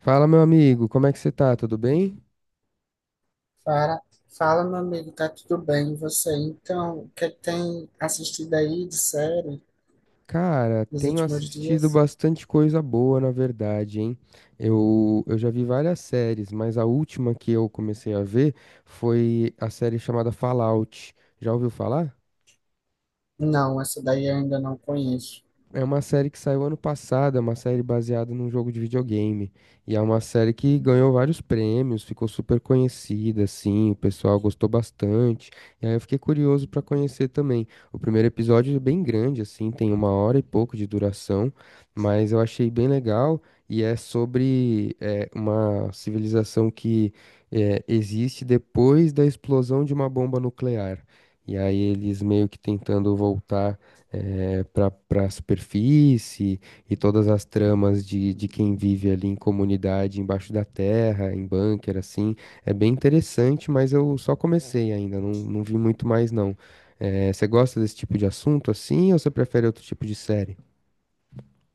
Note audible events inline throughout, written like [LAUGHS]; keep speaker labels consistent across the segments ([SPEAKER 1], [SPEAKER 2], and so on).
[SPEAKER 1] Fala, meu amigo, como é que você tá? Tudo bem?
[SPEAKER 2] Fala, fala, meu amigo, tá tudo bem? E você? Então, o que tem assistido aí de série
[SPEAKER 1] Cara,
[SPEAKER 2] nos
[SPEAKER 1] tenho
[SPEAKER 2] últimos
[SPEAKER 1] assistido
[SPEAKER 2] dias?
[SPEAKER 1] bastante coisa boa, na verdade, hein? Eu já vi várias séries, mas a última que eu comecei a ver foi a série chamada Fallout. Já ouviu falar?
[SPEAKER 2] Não, essa daí eu ainda não conheço.
[SPEAKER 1] É uma série que saiu ano passado, é uma série baseada num jogo de videogame. E é uma série que ganhou vários prêmios, ficou super conhecida, assim, o pessoal gostou bastante. E aí eu fiquei curioso pra conhecer também. O primeiro episódio é bem grande, assim, tem uma hora e pouco de duração, mas eu achei bem legal. E é sobre uma civilização que é, existe depois da explosão de uma bomba nuclear. E aí eles meio que tentando voltar para a superfície e todas as tramas de quem vive ali em comunidade embaixo da terra, em bunker, assim. É bem interessante, mas eu só comecei ainda, não vi muito mais não. Você gosta desse tipo de assunto assim ou você prefere outro tipo de série?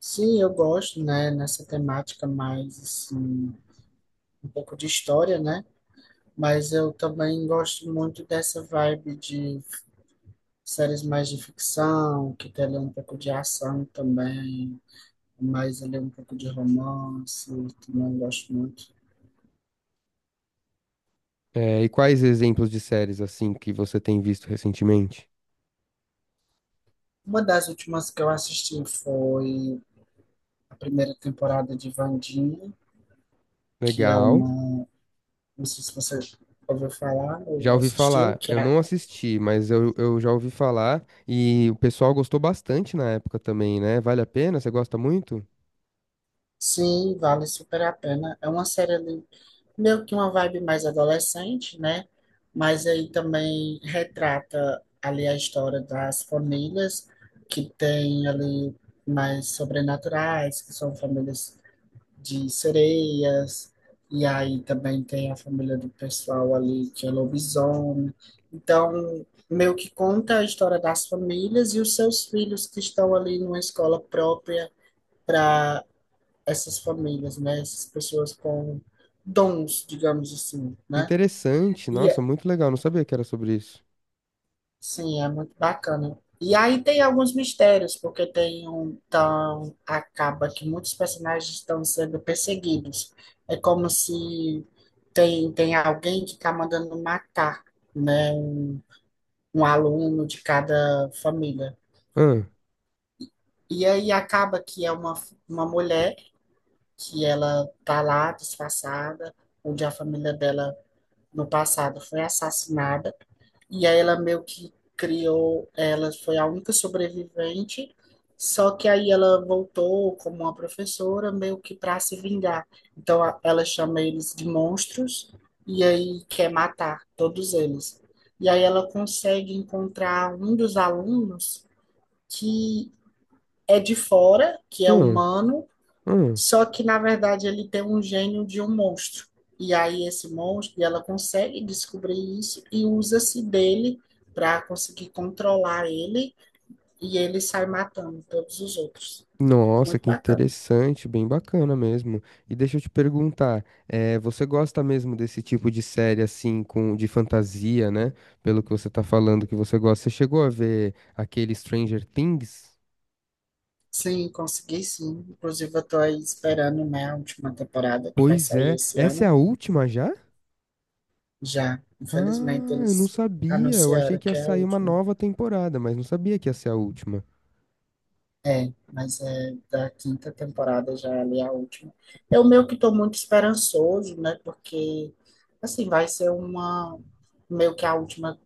[SPEAKER 2] Sim, eu gosto, né, nessa temática mais, assim, um pouco de história, né? Mas eu também gosto muito dessa vibe de séries mais de ficção, que tem ali um pouco de ação também, mais ali um pouco de romance, também gosto muito.
[SPEAKER 1] E quais exemplos de séries assim que você tem visto recentemente?
[SPEAKER 2] Uma das últimas que eu assisti foi a primeira temporada de Vandinha, que é
[SPEAKER 1] Legal.
[SPEAKER 2] uma. Não sei se você ouviu falar
[SPEAKER 1] Já
[SPEAKER 2] ou
[SPEAKER 1] ouvi
[SPEAKER 2] assistiu,
[SPEAKER 1] falar,
[SPEAKER 2] que
[SPEAKER 1] eu
[SPEAKER 2] é.
[SPEAKER 1] não assisti, mas eu já ouvi falar e o pessoal gostou bastante na época também, né? Vale a pena? Você gosta muito?
[SPEAKER 2] Sim, vale super a pena. É uma série ali, meio que uma vibe mais adolescente, né? Mas aí também retrata ali a história das famílias que tem ali mais sobrenaturais, que são famílias de sereias, e aí também tem a família do pessoal ali que é lobisomem. Então, meio que conta a história das famílias e os seus filhos que estão ali numa escola própria para essas famílias, né? Essas pessoas com dons, digamos assim, né?
[SPEAKER 1] Interessante,
[SPEAKER 2] E
[SPEAKER 1] nossa, muito legal, não sabia que era sobre isso.
[SPEAKER 2] Sim, é muito bacana. E aí tem alguns mistérios, porque tem um tão acaba que muitos personagens estão sendo perseguidos. É como se tem alguém que está mandando matar, né, um aluno de cada família.
[SPEAKER 1] Ah,
[SPEAKER 2] E aí acaba que é uma mulher que ela tá lá disfarçada, onde a família dela no passado foi assassinada. E aí ela meio que criou, ela foi a única sobrevivente, só que aí ela voltou como uma professora meio que para se vingar. Então ela chama eles de monstros e aí quer matar todos eles. E aí ela consegue encontrar um dos alunos que é de fora, que é
[SPEAKER 1] ah,
[SPEAKER 2] humano,
[SPEAKER 1] ah.
[SPEAKER 2] só que, na verdade, ele tem um gênio de um monstro. E aí, esse monstro, e ela consegue descobrir isso e usa-se dele para conseguir controlar ele. E ele sai matando todos os outros. É
[SPEAKER 1] Nossa,
[SPEAKER 2] muito
[SPEAKER 1] que
[SPEAKER 2] bacana.
[SPEAKER 1] interessante, bem bacana mesmo. E deixa eu te perguntar, você gosta mesmo desse tipo de série assim, com de fantasia, né? Pelo que você tá falando que você gosta. Você chegou a ver aquele Stranger Things?
[SPEAKER 2] Sim, consegui sim. Inclusive, eu tô aí esperando, né, a última temporada que vai
[SPEAKER 1] Pois
[SPEAKER 2] sair
[SPEAKER 1] é,
[SPEAKER 2] esse
[SPEAKER 1] essa é a
[SPEAKER 2] ano.
[SPEAKER 1] última já?
[SPEAKER 2] Já,
[SPEAKER 1] Ah,
[SPEAKER 2] infelizmente,
[SPEAKER 1] eu não
[SPEAKER 2] eles
[SPEAKER 1] sabia. Eu achei
[SPEAKER 2] anunciaram
[SPEAKER 1] que ia
[SPEAKER 2] que é a
[SPEAKER 1] sair uma
[SPEAKER 2] última.
[SPEAKER 1] nova temporada, mas não sabia que ia ser a última.
[SPEAKER 2] É, mas é da quinta temporada já ali a última. Eu meio que estou muito esperançoso, né? Porque, assim, vai ser uma. Meio que a última,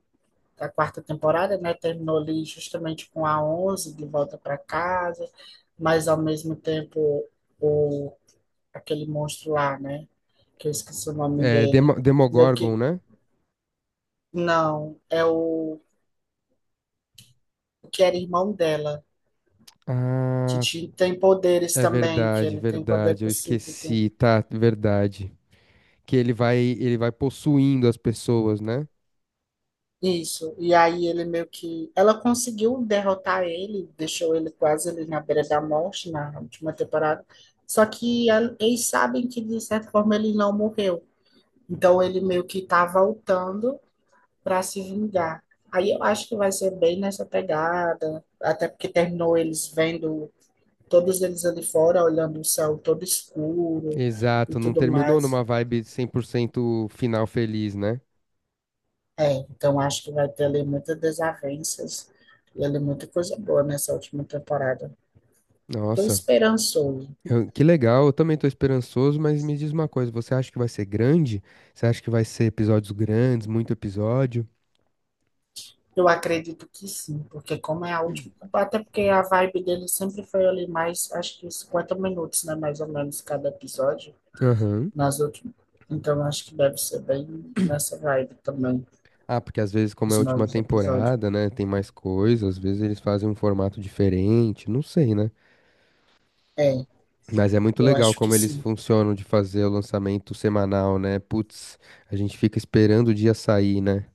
[SPEAKER 2] a quarta temporada, né? Terminou ali justamente com a Onze de volta para casa. Mas, ao mesmo tempo, o, aquele monstro lá, né? Que eu esqueci o nome
[SPEAKER 1] É,
[SPEAKER 2] dele. Meio que.
[SPEAKER 1] Demogorgon, né?
[SPEAKER 2] Não, é o que era irmão dela. Que
[SPEAKER 1] Ah,
[SPEAKER 2] tem poderes
[SPEAKER 1] é
[SPEAKER 2] também, que
[SPEAKER 1] verdade,
[SPEAKER 2] ele tem poder
[SPEAKER 1] verdade. Eu
[SPEAKER 2] psíquico.
[SPEAKER 1] esqueci, tá? Verdade. Que ele vai possuindo as pessoas, né?
[SPEAKER 2] Isso. E aí ele meio que. Ela conseguiu derrotar ele, deixou ele quase ali na beira da morte na última temporada. Só que eles sabem que, de certa forma, ele não morreu. Então ele meio que tá voltando para se vingar. Aí eu acho que vai ser bem nessa pegada, até porque terminou eles vendo todos eles ali fora, olhando o céu todo escuro e
[SPEAKER 1] Exato, não
[SPEAKER 2] tudo
[SPEAKER 1] terminou
[SPEAKER 2] mais.
[SPEAKER 1] numa vibe 100% final feliz, né?
[SPEAKER 2] É, então acho que vai ter ali muitas desavenças e ali muita coisa boa nessa última temporada. Tô
[SPEAKER 1] Nossa,
[SPEAKER 2] esperançoso.
[SPEAKER 1] que legal. Eu também tô esperançoso, mas me diz uma coisa, você acha que vai ser grande? Você acha que vai ser episódios grandes, muito episódio?
[SPEAKER 2] Eu acredito que sim, porque como é a última, até porque a vibe dele sempre foi ali mais, acho que 50 minutos, né, mais ou menos cada episódio
[SPEAKER 1] Aham.
[SPEAKER 2] nas últimas. Então acho que deve ser bem nessa vibe também
[SPEAKER 1] Ah, porque às vezes, como
[SPEAKER 2] os
[SPEAKER 1] é a última
[SPEAKER 2] novos episódios.
[SPEAKER 1] temporada, né, tem mais coisa, às vezes eles fazem um formato diferente, não sei, né?
[SPEAKER 2] É,
[SPEAKER 1] Mas é muito
[SPEAKER 2] eu
[SPEAKER 1] legal
[SPEAKER 2] acho que
[SPEAKER 1] como eles
[SPEAKER 2] sim.
[SPEAKER 1] funcionam de fazer o lançamento semanal, né? Putz, a gente fica esperando o dia sair, né?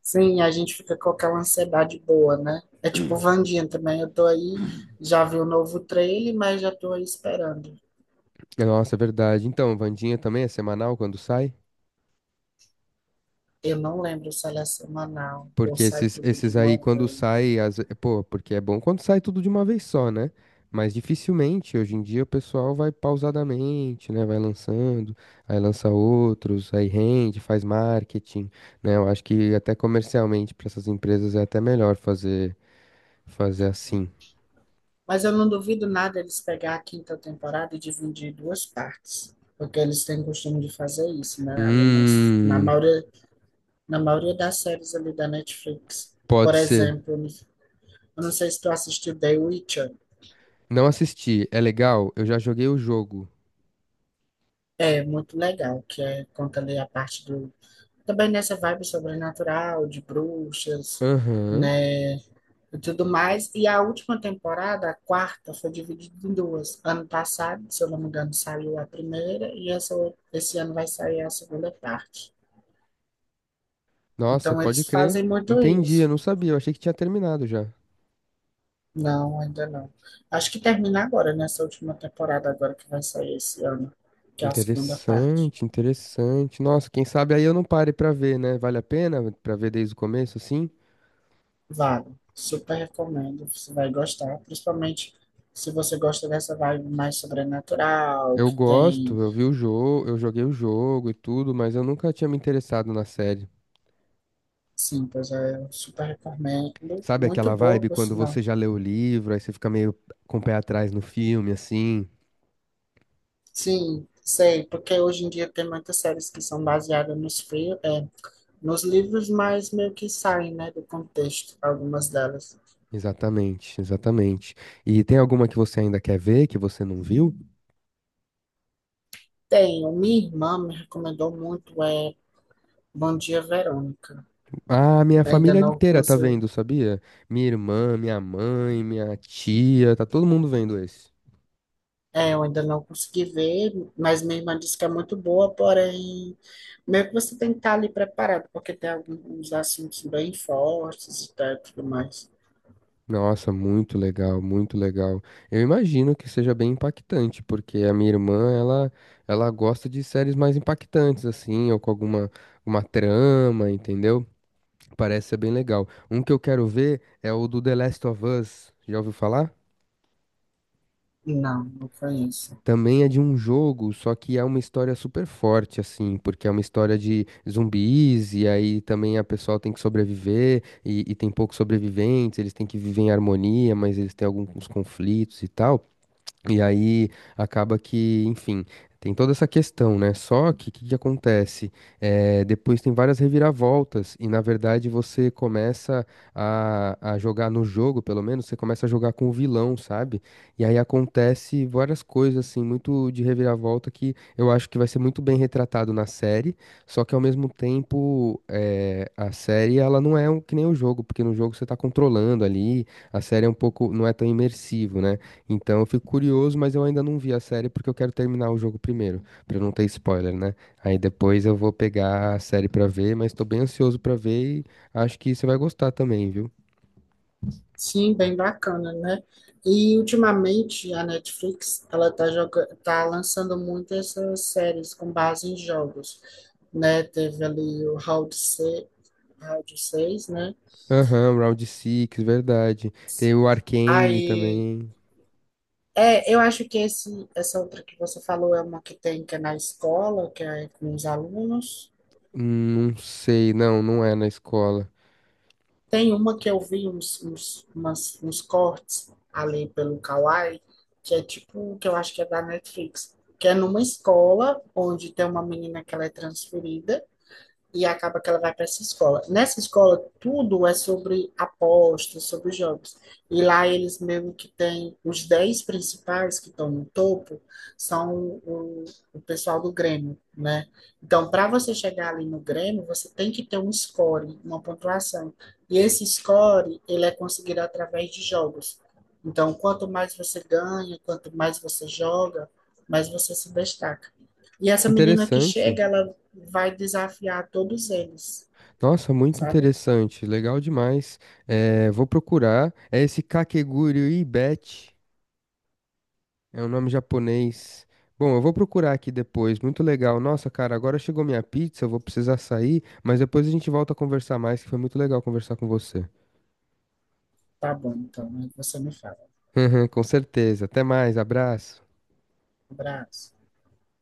[SPEAKER 2] Sim, a gente fica com aquela ansiedade boa, né? É tipo Vandinha também. Eu tô aí, já vi o novo trailer, mas já tô aí esperando.
[SPEAKER 1] Nossa, é verdade. Então, Vandinha também é semanal quando sai?
[SPEAKER 2] Eu não lembro se ela é semanal ou
[SPEAKER 1] Porque
[SPEAKER 2] sai
[SPEAKER 1] esses,
[SPEAKER 2] tudo de
[SPEAKER 1] esses aí,
[SPEAKER 2] uma
[SPEAKER 1] quando
[SPEAKER 2] vez.
[SPEAKER 1] sai, pô, porque é bom quando sai tudo de uma vez só, né? Mas dificilmente, hoje em dia, o pessoal vai pausadamente, né? Vai lançando, aí lança outros, aí rende, faz marketing, né? Eu acho que até comercialmente, para essas empresas, é até melhor fazer, fazer assim.
[SPEAKER 2] Mas eu não duvido nada eles pegar a quinta temporada e dividir em duas partes. Porque eles têm costume de fazer isso, né? Ali
[SPEAKER 1] Hum,
[SPEAKER 2] na maioria das séries ali da Netflix. Por
[SPEAKER 1] Pode ser.
[SPEAKER 2] exemplo, eu não sei se tu assistiu The Witcher.
[SPEAKER 1] Não assisti. É legal? Eu já joguei o jogo.
[SPEAKER 2] É muito legal, que é, conta ali a parte do também nessa vibe sobrenatural, de bruxas,
[SPEAKER 1] Aham.
[SPEAKER 2] né? E tudo mais. E a última temporada, a quarta, foi dividida em duas. Ano passado, se eu não me engano, saiu a primeira, e essa, esse ano vai sair a segunda parte.
[SPEAKER 1] Nossa,
[SPEAKER 2] Então,
[SPEAKER 1] pode
[SPEAKER 2] eles
[SPEAKER 1] crer.
[SPEAKER 2] fazem muito
[SPEAKER 1] Entendi, eu
[SPEAKER 2] isso.
[SPEAKER 1] não sabia. Eu achei que tinha terminado já.
[SPEAKER 2] Não, ainda não. Acho que termina agora, nessa última temporada, agora que vai sair esse ano, que é a segunda parte.
[SPEAKER 1] Interessante, interessante. Nossa, quem sabe aí eu não pare pra ver, né? Vale a pena pra ver desde o começo, assim?
[SPEAKER 2] Vale, super recomendo, você vai gostar, principalmente se você gosta dessa vibe mais sobrenatural,
[SPEAKER 1] Eu
[SPEAKER 2] que tem,
[SPEAKER 1] gosto, eu vi o jogo, eu joguei o jogo e tudo, mas eu nunca tinha me interessado na série.
[SPEAKER 2] sim, pois é, eu super recomendo,
[SPEAKER 1] Sabe
[SPEAKER 2] muito
[SPEAKER 1] aquela
[SPEAKER 2] boa,
[SPEAKER 1] vibe
[SPEAKER 2] por
[SPEAKER 1] quando
[SPEAKER 2] sinal.
[SPEAKER 1] você já leu o livro, aí você fica meio com o pé atrás no filme, assim?
[SPEAKER 2] Sim, sei, porque hoje em dia tem muitas séries que são baseadas nos livros, mas meio que saem, né, do contexto, algumas delas.
[SPEAKER 1] Exatamente, exatamente. E tem alguma que você ainda quer ver, que você não viu?
[SPEAKER 2] Tem, minha irmã me recomendou muito, é Bom Dia, Verônica.
[SPEAKER 1] Ah, minha
[SPEAKER 2] Ainda
[SPEAKER 1] família
[SPEAKER 2] não
[SPEAKER 1] inteira tá
[SPEAKER 2] conheço.
[SPEAKER 1] vendo, sabia? Minha irmã, minha mãe, minha tia, tá todo mundo vendo esse.
[SPEAKER 2] Eu ainda não consegui ver, mas minha irmã disse que é muito boa, porém, meio que você tem que estar ali preparado, porque tem alguns assuntos bem fortes e tal e tudo mais.
[SPEAKER 1] Nossa, muito legal, muito legal. Eu imagino que seja bem impactante, porque a minha irmã, ela gosta de séries mais impactantes, assim, ou com alguma uma trama, entendeu? Parece ser bem legal. Um que eu quero ver é o do The Last of Us. Já ouviu falar?
[SPEAKER 2] Não, não conheço.
[SPEAKER 1] Também é de um jogo, só que é uma história super forte, assim, porque é uma história de zumbis, e aí também a pessoa tem que sobreviver, e tem poucos sobreviventes, eles têm que viver em harmonia, mas eles têm alguns conflitos e tal. E aí acaba que, enfim, tem toda essa questão, né? Só que o que que acontece? É, depois tem várias reviravoltas, e na verdade você começa a jogar no jogo, pelo menos, você começa a jogar com o vilão, sabe? E aí acontece várias coisas, assim, muito de reviravolta que eu acho que vai ser muito bem retratado na série, só que ao mesmo tempo é, a série ela não é um, que nem o jogo, porque no jogo você tá controlando ali, a série é um pouco, não é tão imersivo, né? Então eu fico curioso, mas eu ainda não vi a série porque eu quero terminar o jogo primeiro, pra não ter spoiler, né? Aí depois eu vou pegar a série pra ver, mas tô bem ansioso pra ver e acho que você vai gostar também, viu?
[SPEAKER 2] Sim, bem bacana, né? E ultimamente a Netflix, ela tá lançando muito essas séries com base em jogos, né? Teve ali o Round 6, Round 6, né?
[SPEAKER 1] Aham, Round 6, verdade. Tem o Arcane
[SPEAKER 2] Aí
[SPEAKER 1] também.
[SPEAKER 2] É, eu acho que esse, essa outra que você falou é uma que tem que é na escola, que é com os alunos.
[SPEAKER 1] Não sei, não, não é na escola.
[SPEAKER 2] Tem uma que eu vi uns cortes ali pelo Kawaii, que é tipo, que eu acho que é da Netflix, que é numa escola onde tem uma menina que ela é transferida e acaba que ela vai para essa escola. Nessa escola, tudo é sobre apostas, sobre jogos. E lá eles mesmo que têm os 10 principais que estão no topo, são o, o pessoal do Grêmio, né? Então, para você chegar ali no Grêmio, você tem que ter um score, uma pontuação. E esse score, ele é conseguido através de jogos. Então, quanto mais você ganha, quanto mais você joga, mais você se destaca. E essa menina que
[SPEAKER 1] Interessante.
[SPEAKER 2] chega, ela vai desafiar todos eles,
[SPEAKER 1] Nossa, muito
[SPEAKER 2] sabe?
[SPEAKER 1] interessante, legal demais. É, vou procurar. É esse Kakegurui Ibet. É um nome japonês. Bom, eu vou procurar aqui depois. Muito legal. Nossa, cara, agora chegou minha pizza, eu vou precisar sair, mas depois a gente volta a conversar mais, que foi muito legal conversar com você.
[SPEAKER 2] Tá bom, então, aí você me fala.
[SPEAKER 1] [LAUGHS] Com certeza. Até mais, abraço.
[SPEAKER 2] Um abraço.